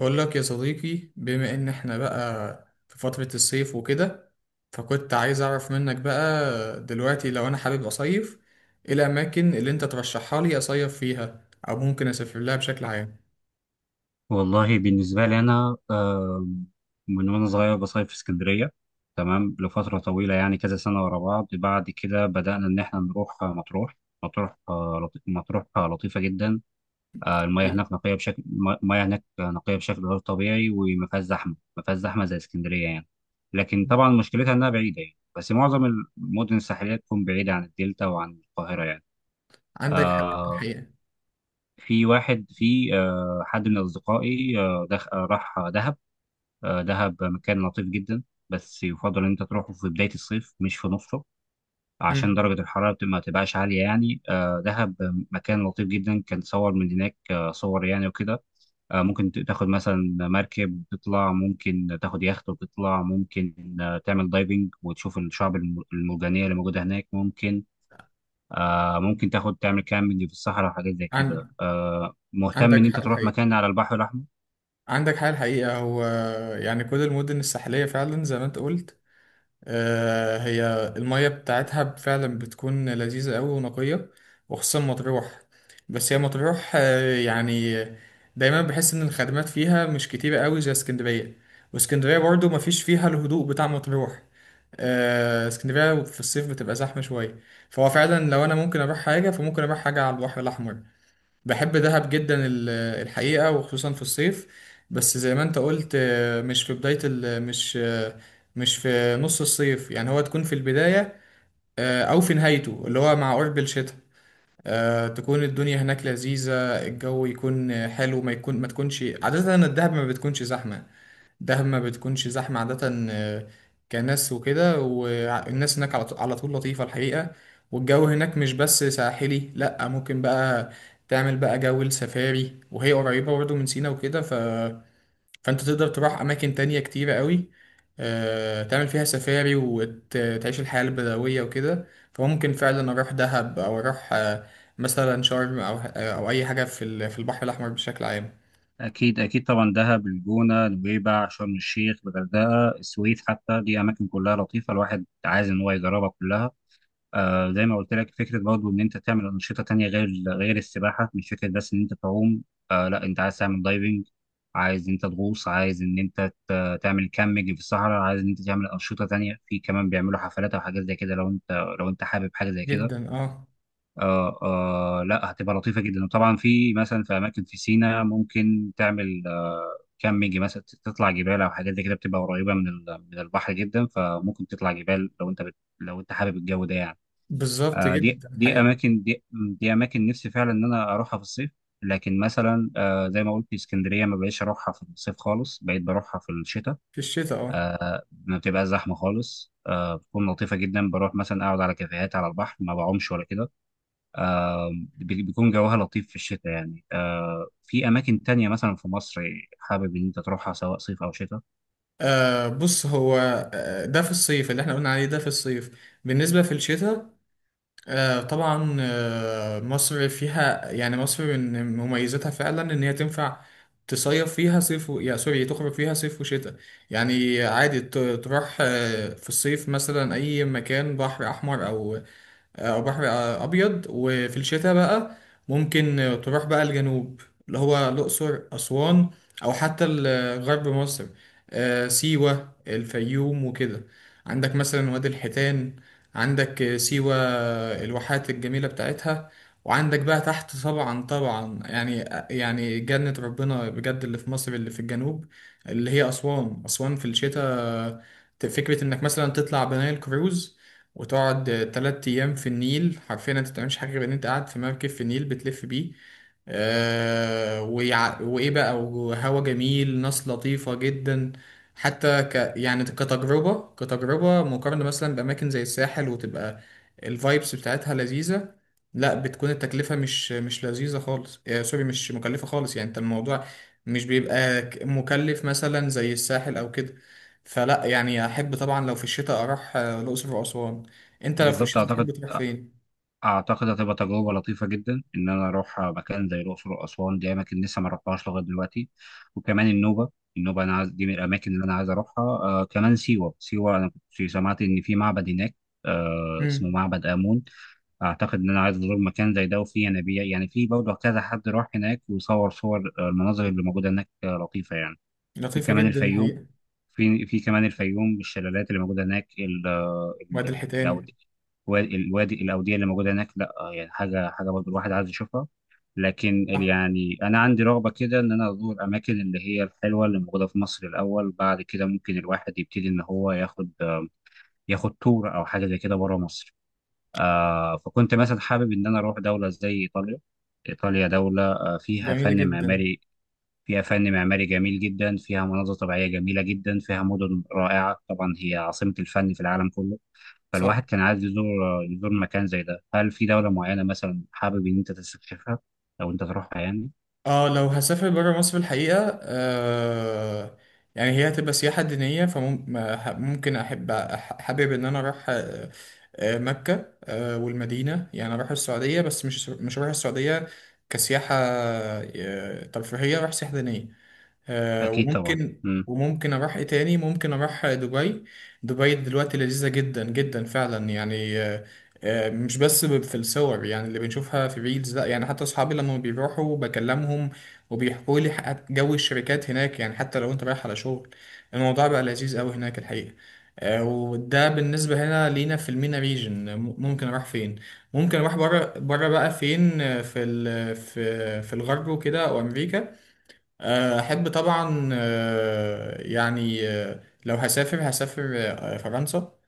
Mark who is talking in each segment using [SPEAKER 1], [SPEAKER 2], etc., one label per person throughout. [SPEAKER 1] بقول لك يا صديقي، بما ان احنا بقى في فترة الصيف وكده، فكنت عايز اعرف منك بقى، دلوقتي لو انا حابب اصيف، ايه الاماكن اللي انت ترشحها لي اصيف فيها او ممكن اسافر لها بشكل عام؟
[SPEAKER 2] والله بالنسبة لي أنا من وأنا صغير بصيف في اسكندرية. تمام لفترة طويلة يعني كذا سنة ورا بعض. بعد كده بدأنا إن إحنا نروح مطروح. مطروح لطيفة جدا. المياه
[SPEAKER 1] حقيقي.
[SPEAKER 2] هناك نقية بشكل المياه هناك نقية بشكل غير طبيعي، وما فيهاش زحمة. ما فيهاش زحمة زي اسكندرية يعني. لكن طبعا مشكلتها إنها بعيدة، يعني بس معظم المدن الساحلية تكون بعيدة عن الدلتا وعن القاهرة يعني.
[SPEAKER 1] عندك حق
[SPEAKER 2] آه،
[SPEAKER 1] الحقيقة.
[SPEAKER 2] في واحد في آه، حد من أصدقائي راح دهب. دهب مكان لطيف جدا. بس يفضل ان انت تروحه في بداية الصيف مش في نصه عشان
[SPEAKER 1] مم.
[SPEAKER 2] درجة الحرارة ما تبقاش عالية يعني. دهب مكان لطيف جدا. كان صور من هناك صور يعني وكده. ممكن تاخد مثلا مركب وتطلع، ممكن تاخد يخت وتطلع، ممكن تعمل دايفنج وتشوف الشعب المرجانية اللي موجودة هناك. ممكن تاخد تعمل كامبينج في الصحراء وحاجات زي كده.
[SPEAKER 1] عن...
[SPEAKER 2] مهتم
[SPEAKER 1] عندك
[SPEAKER 2] ان
[SPEAKER 1] حق
[SPEAKER 2] انت تروح
[SPEAKER 1] الحقيقة
[SPEAKER 2] مكان على البحر الأحمر.
[SPEAKER 1] عندك حق الحقيقة. هو يعني كل المدن الساحلية فعلا زي ما انت قلت، هي المية بتاعتها فعلا بتكون لذيذة أوي ونقية، وخصوصا مطروح. بس هي مطروح يعني دايما بحس إن الخدمات فيها مش كتيرة أوي زي اسكندرية، واسكندرية برضو مفيش فيها الهدوء بتاع مطروح. اسكندرية في الصيف بتبقى زحمة شوية، فهو فعلا لو أنا ممكن أروح حاجة فممكن أروح حاجة على البحر الأحمر. بحب دهب جدا الحقيقة، وخصوصا في الصيف. بس زي ما انت قلت، مش في بداية ال مش آه، مش في نص الصيف، يعني هو تكون في البداية أو في نهايته اللي هو مع قرب الشتاء. تكون الدنيا هناك لذيذة، الجو يكون حلو، ما يكون ما تكونش عادة. الدهب ما بتكونش زحمة، دهب ما بتكونش زحمة عادة، كناس وكده، والناس هناك على طول لطيفة الحقيقة. والجو هناك مش بس ساحلي، لأ، ممكن بقى تعمل بقى جو السفاري، وهي قريبة برضه من سينا وكده، فأنت تقدر تروح أماكن تانية كتيرة قوي، تعمل فيها سفاري وتعيش الحياة البدوية وكده. فممكن فعلا أروح دهب أو أروح مثلا شرم، أو أي حاجة في البحر الأحمر بشكل عام.
[SPEAKER 2] أكيد أكيد طبعا، دهب، الجونة، نويبع، شرم الشيخ، الغردقة، السويد حتى، دي أماكن كلها لطيفة، الواحد عايز إن هو يجربها كلها. آه، زي ما قلت لك، فكرة برضه إن أنت تعمل أنشطة تانية غير السباحة، مش فكرة بس إن أنت تعوم. آه لا، أنت عايز تعمل دايفنج، عايز إن أنت تغوص، عايز إن أنت تعمل كامبينج في الصحراء، عايز إن أنت تعمل أنشطة تانية. في كمان بيعملوا حفلات أو حاجات زي كده لو أنت حابب حاجة زي كده.
[SPEAKER 1] جدا، اه.
[SPEAKER 2] آه آه لا، هتبقى لطيفة جدا. وطبعا في مثلا في أماكن في سينا ممكن تعمل آه كامبينج مثلا، تطلع جبال أو حاجات زي كده. بتبقى قريبة من من البحر جدا، فممكن تطلع جبال لو أنت حابب الجو ده يعني.
[SPEAKER 1] بالظبط،
[SPEAKER 2] آه دي
[SPEAKER 1] جدا
[SPEAKER 2] دي
[SPEAKER 1] الحقيقة.
[SPEAKER 2] أماكن دي, دي أماكن نفسي فعلا إن أنا أروحها في الصيف. لكن مثلا آه، زي ما قلت، اسكندرية ما بقيتش أروحها في الصيف خالص، بقيت بروحها في الشتاء.
[SPEAKER 1] في الشتاء، اه.
[SPEAKER 2] آه، ما بتبقى زحمة خالص، آه، بتكون لطيفة جدا. بروح مثلا أقعد على كافيهات على البحر، ما بعومش ولا كده. بيكون جوها لطيف في الشتاء يعني. آه، في أماكن تانية مثلا في مصر حابب إن أنت تروحها سواء صيف أو شتاء.
[SPEAKER 1] بص. هو ده في الصيف اللي احنا قلنا عليه، ده في الصيف. بالنسبة في الشتاء طبعا، مصر فيها، يعني مصر من مميزاتها فعلا ان هي تنفع تصيف فيها صيف يا سوري، تخرج فيها صيف وشتاء. يعني عادي تروح في الصيف مثلا اي مكان بحر احمر، او بحر ابيض، وفي الشتاء بقى ممكن تروح بقى الجنوب، اللي هو الاقصر، اسوان، او حتى غرب مصر. سيوه، الفيوم وكده. عندك مثلا وادي الحيتان، عندك سيوه، الواحات الجميله بتاعتها. وعندك بقى تحت طبعا، طبعا يعني، يعني جنة ربنا بجد، اللي في مصر اللي في الجنوب، اللي هي أسوان في الشتاء، فكرة إنك مثلا تطلع بنايل كروز وتقعد 3 أيام في النيل. حرفيا أنت متعملش حاجة غير إن أنت قاعد في مركب في النيل بتلف بيه. وايه بقى، وهوا جميل، ناس لطيفة جدا. يعني كتجربة مقارنة مثلا بأماكن زي الساحل، وتبقى الفايبس بتاعتها لذيذة. لا، بتكون التكلفة مش لذيذة خالص، سوري، مش مكلفة خالص، يعني انت الموضوع مش بيبقى مكلف مثلا زي الساحل او كده. فلا يعني احب طبعا لو في الشتاء اروح الاقصر واسوان. انت لو في
[SPEAKER 2] بالظبط.
[SPEAKER 1] الشتاء تحب
[SPEAKER 2] أعتقد
[SPEAKER 1] تروح فين؟
[SPEAKER 2] أعتقد هتبقى تجربة لطيفة جدا إن أنا أروح مكان زي الأقصر وأسوان، دي أماكن لسه ما رحتهاش لغاية دلوقتي. وكمان النوبة. النوبة أنا عايز دي من الأماكن اللي أنا عايز أروحها. آه، كمان سيوة. أنا كنت سمعت إن في معبد هناك آه، اسمه
[SPEAKER 1] مم.
[SPEAKER 2] معبد آمون. أعتقد إن أنا عايز أزور مكان زي ده، وفيه ينابيع يعني. في برضه كذا حد راح هناك وصور، صور آه، المناظر اللي موجودة هناك لطيفة يعني. في
[SPEAKER 1] لطيفة
[SPEAKER 2] كمان
[SPEAKER 1] جدا
[SPEAKER 2] الفيوم.
[SPEAKER 1] الحقيقة.
[SPEAKER 2] في كمان الفيوم الشلالات اللي موجوده هناك
[SPEAKER 1] وادي الحيتان.
[SPEAKER 2] الوادي الاوديه اللي موجوده هناك، لا يعني حاجه برضه الواحد عايز يشوفها. لكن يعني انا عندي رغبه كده ان انا ازور الاماكن اللي هي الحلوه اللي موجوده في مصر الاول. بعد كده ممكن الواحد يبتدي ان هو ياخد ياخد تور او حاجه زي كده بره مصر. آه، فكنت مثلا حابب ان انا اروح دوله زي ايطاليا. ايطاليا دوله فيها
[SPEAKER 1] جميلة
[SPEAKER 2] فن
[SPEAKER 1] جدا.
[SPEAKER 2] معماري، فيها فن معماري جميل جدا، فيها مناظر طبيعية جميلة جدا، فيها مدن رائعة، طبعا هي عاصمة الفن في العالم كله.
[SPEAKER 1] صح.
[SPEAKER 2] فالواحد كان عايز يزور مكان زي ده. هل في دولة معينة مثلا حابب إن أنت تستكشفها أو أنت تروحها يعني؟
[SPEAKER 1] اه، لو هسافر برا مصر الحقيقة يعني هي هتبقى سياحة دينية. فممكن أحب حابب إن أنا أروح مكة والمدينة، يعني أروح السعودية، بس مش هروح السعودية كسياحة ترفيهية، أروح سياحة دينية.
[SPEAKER 2] أكيد طبعا.
[SPEAKER 1] وممكن
[SPEAKER 2] مم.
[SPEAKER 1] وممكن اروح ايه تاني. ممكن اروح دبي. دبي دلوقتي لذيذة جدا جدا فعلا، يعني مش بس في الصور، يعني اللي بنشوفها في ريلز، لا يعني حتى اصحابي لما بيروحوا بكلمهم، وبيحكوا لي جو الشركات هناك، يعني حتى لو انت رايح على شغل الموضوع بقى لذيذ قوي هناك الحقيقة. وده بالنسبة هنا لينا في المينا ريجن، ممكن اروح فين؟ ممكن اروح بره، بره بقى فين، في ال- في في الغرب وكده، وامريكا. أحب طبعا، يعني لو هسافر فرنسا.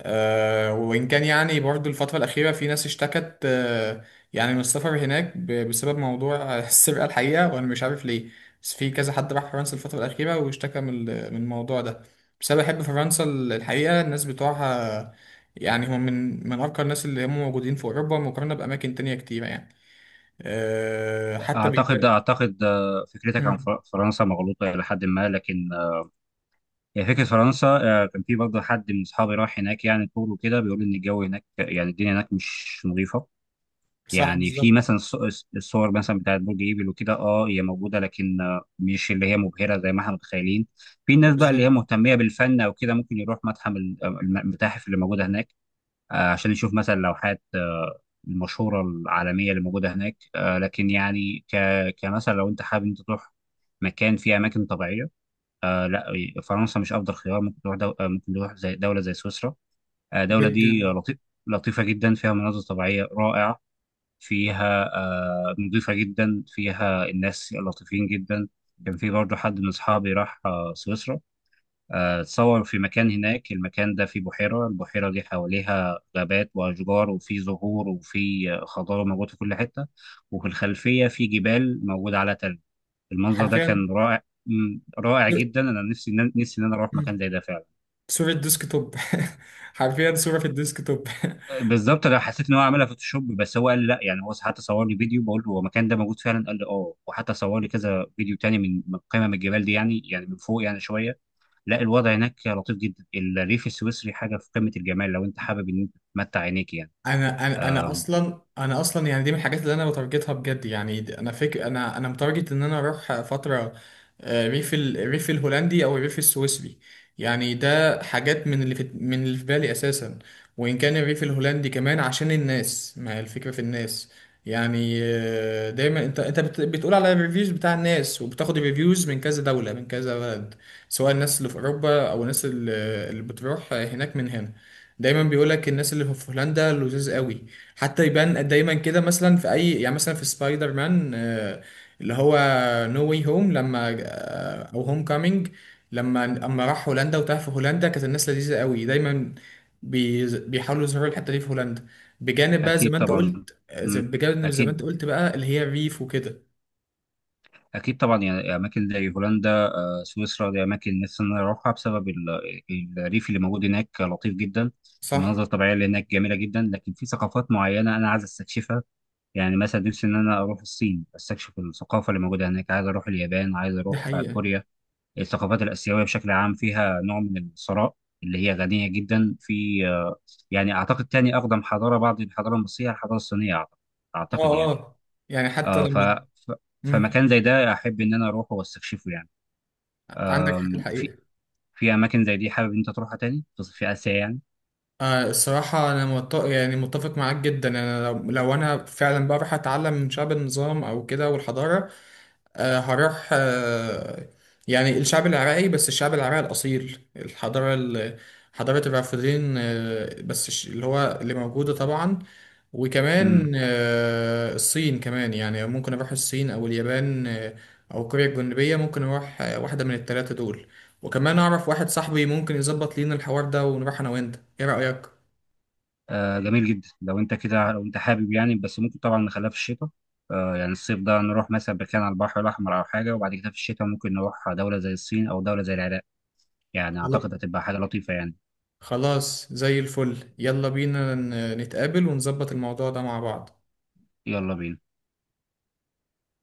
[SPEAKER 1] وإن كان يعني برضو الفترة الأخيرة في ناس اشتكت يعني من السفر هناك بسبب موضوع السرقة الحقيقة، وأنا مش عارف ليه. بس في كذا حد راح فرنسا الفترة الأخيرة واشتكى من من الموضوع ده. بس أنا بحب فرنسا الحقيقة. الناس بتوعها يعني هم من أرقى الناس اللي هم موجودين في أوروبا مقارنة بأماكن تانية كتيرة، يعني حتى
[SPEAKER 2] أعتقد
[SPEAKER 1] بيبقى.
[SPEAKER 2] أعتقد آه، فكرتك عن
[SPEAKER 1] مم.
[SPEAKER 2] فرنسا مغلوطة إلى حد ما. لكن آه، هي فكرة فرنسا آه، كان في برضه حد من أصحابي راح هناك يعني طول وكده، بيقول إن الجو هناك، يعني الدنيا هناك مش نظيفة.
[SPEAKER 1] صح.
[SPEAKER 2] يعني في
[SPEAKER 1] بالظبط.
[SPEAKER 2] مثلا الصور مثلا بتاعت برج ايفل وكده، اه هي موجوده، لكن مش اللي هي مبهره زي ما احنا متخيلين. في ناس بقى اللي
[SPEAKER 1] بالظبط
[SPEAKER 2] هي مهتميه بالفن او كده ممكن يروح المتاحف اللي موجوده هناك عشان يشوف مثلا لوحات المشهوره العالميه اللي موجوده هناك. لكن يعني كمثلا لو انت حابب انت تروح مكان فيه اماكن طبيعيه، آه لا، فرنسا مش افضل خيار. ممكن تروح زي دوله زي سويسرا. الدوله دي
[SPEAKER 1] جدا.
[SPEAKER 2] لطيفه جدا، فيها مناظر طبيعيه رائعه، فيها نظيفة جدا، فيها الناس لطيفين جدا. كان في برضه حد من أصحابي راح سويسرا. اتصور في مكان هناك، المكان ده فيه بحيرة، البحيرة دي حواليها غابات وأشجار وفي زهور وفي خضار موجود في كل حتة، وفي الخلفية في جبال موجودة على تلج. المنظر ده
[SPEAKER 1] حرفيا.
[SPEAKER 2] كان رائع، رائع جدا. أنا نفسي نفسي إن أنا أروح
[SPEAKER 1] مم.
[SPEAKER 2] مكان زي ده فعلا.
[SPEAKER 1] صورة ديسك توب. حرفيا، صورة في الديسك توب.
[SPEAKER 2] بالظبط. انا حسيت ان هو عملها فوتوشوب، بس هو قال لا، يعني هو حتى صور لي فيديو، بقول له هو المكان ده موجود فعلا، قال لي اه، وحتى صور لي كذا فيديو تاني من قمم الجبال دي، يعني يعني من فوق يعني شويه. لا، الوضع هناك لطيف جدا، الريف السويسري حاجه في قمه الجمال لو انت حابب ان انت تمتع عينيك يعني.
[SPEAKER 1] انا اصلا يعني دي من الحاجات اللي انا بتارجتها بجد، يعني انا فاكر انا متارجت ان انا اروح فتره الريف الهولندي او الريف السويسري. يعني ده حاجات من اللي في بالي اساسا. وان كان الريف الهولندي كمان عشان الناس، ما هي الفكره في الناس. يعني دايما انت بتقول على الريفيوز بتاع الناس، وبتاخد الريفيوز من كذا دوله، من كذا بلد، سواء الناس اللي في اوروبا او الناس اللي بتروح هناك من هنا. دايما بيقول لك الناس اللي في هولندا لذيذ قوي. حتى يبان دايما كده، مثلا في اي، يعني مثلا في سبايدر مان، اللي هو نو واي هوم، لما، او هوم كامينج، لما راح هولندا وتاه في هولندا، كانت الناس لذيذه قوي، دايما بيحاولوا يظهروا الحته دي في هولندا، بجانب بقى زي
[SPEAKER 2] اكيد
[SPEAKER 1] ما انت
[SPEAKER 2] طبعا.
[SPEAKER 1] قلت آه، زي-
[SPEAKER 2] مم.
[SPEAKER 1] بجانب زي ما
[SPEAKER 2] اكيد.
[SPEAKER 1] انت قلت بقى اللي هي الريف وكده.
[SPEAKER 2] اكيد طبعا، يعني اماكن زي هولندا، سويسرا، دي اماكن نفسي ان انا اروحها بسبب الريف اللي موجود هناك لطيف جدا،
[SPEAKER 1] صح.
[SPEAKER 2] المناظر الطبيعيه اللي هناك جميله جدا. لكن في ثقافات معينه انا عايز استكشفها. يعني مثلا نفسي ان انا اروح الصين، استكشف الثقافه اللي موجوده هناك، عايز اروح اليابان، عايز
[SPEAKER 1] دي
[SPEAKER 2] اروح
[SPEAKER 1] حقيقه.
[SPEAKER 2] كوريا. الثقافات الاسيويه بشكل عام فيها نوع من الثراء، اللي هي غنيه جدا في يعني. اعتقد تاني اقدم حضاره بعد الحضاره المصريه الحضاره الصينيه اعتقد،
[SPEAKER 1] اه،
[SPEAKER 2] يعني.
[SPEAKER 1] اه، يعني حتى
[SPEAKER 2] آه، ف
[SPEAKER 1] لما.
[SPEAKER 2] ف-
[SPEAKER 1] مم.
[SPEAKER 2] فمكان زي ده احب ان انا اروحه واستكشفه يعني.
[SPEAKER 1] عندك حق
[SPEAKER 2] في
[SPEAKER 1] الحقيقه.
[SPEAKER 2] في اماكن زي دي حابب إن انت تروحها تاني في اسيا
[SPEAKER 1] الصراحة أنا يعني متفق معاك جدا. لو أنا فعلا بقى رايح أتعلم من شعب، النظام أو كده والحضارة. أه، هروح أه. يعني الشعب العراقي، بس الشعب العراقي الأصيل، الحضارة حضارة الرافدين. أه، بس اللي هو اللي موجودة طبعا. وكمان
[SPEAKER 2] يعني.
[SPEAKER 1] أه الصين كمان، يعني ممكن أروح الصين أو اليابان، أه، أو كوريا الجنوبية. ممكن أروح أه واحدة من التلاتة دول. وكمان أعرف واحد صاحبي ممكن يظبط لينا الحوار ده ونروح أنا وأنت، إيه رأيك؟
[SPEAKER 2] آه جميل جدا لو انت كده، لو انت حابب يعني، بس ممكن طبعا نخليها في الشتاء. آه يعني الصيف ده نروح مثلا مكان على البحر الاحمر او حاجه، وبعد كده في الشتاء ممكن نروح دوله زي الصين او دوله زي العراق. يعني
[SPEAKER 1] خلا-
[SPEAKER 2] اعتقد هتبقى حاجه لطيفه يعني.
[SPEAKER 1] خلاص زي الفل. يلا بينا نتقابل ونظبط الموضوع ده مع بعض.
[SPEAKER 2] يلا بينا.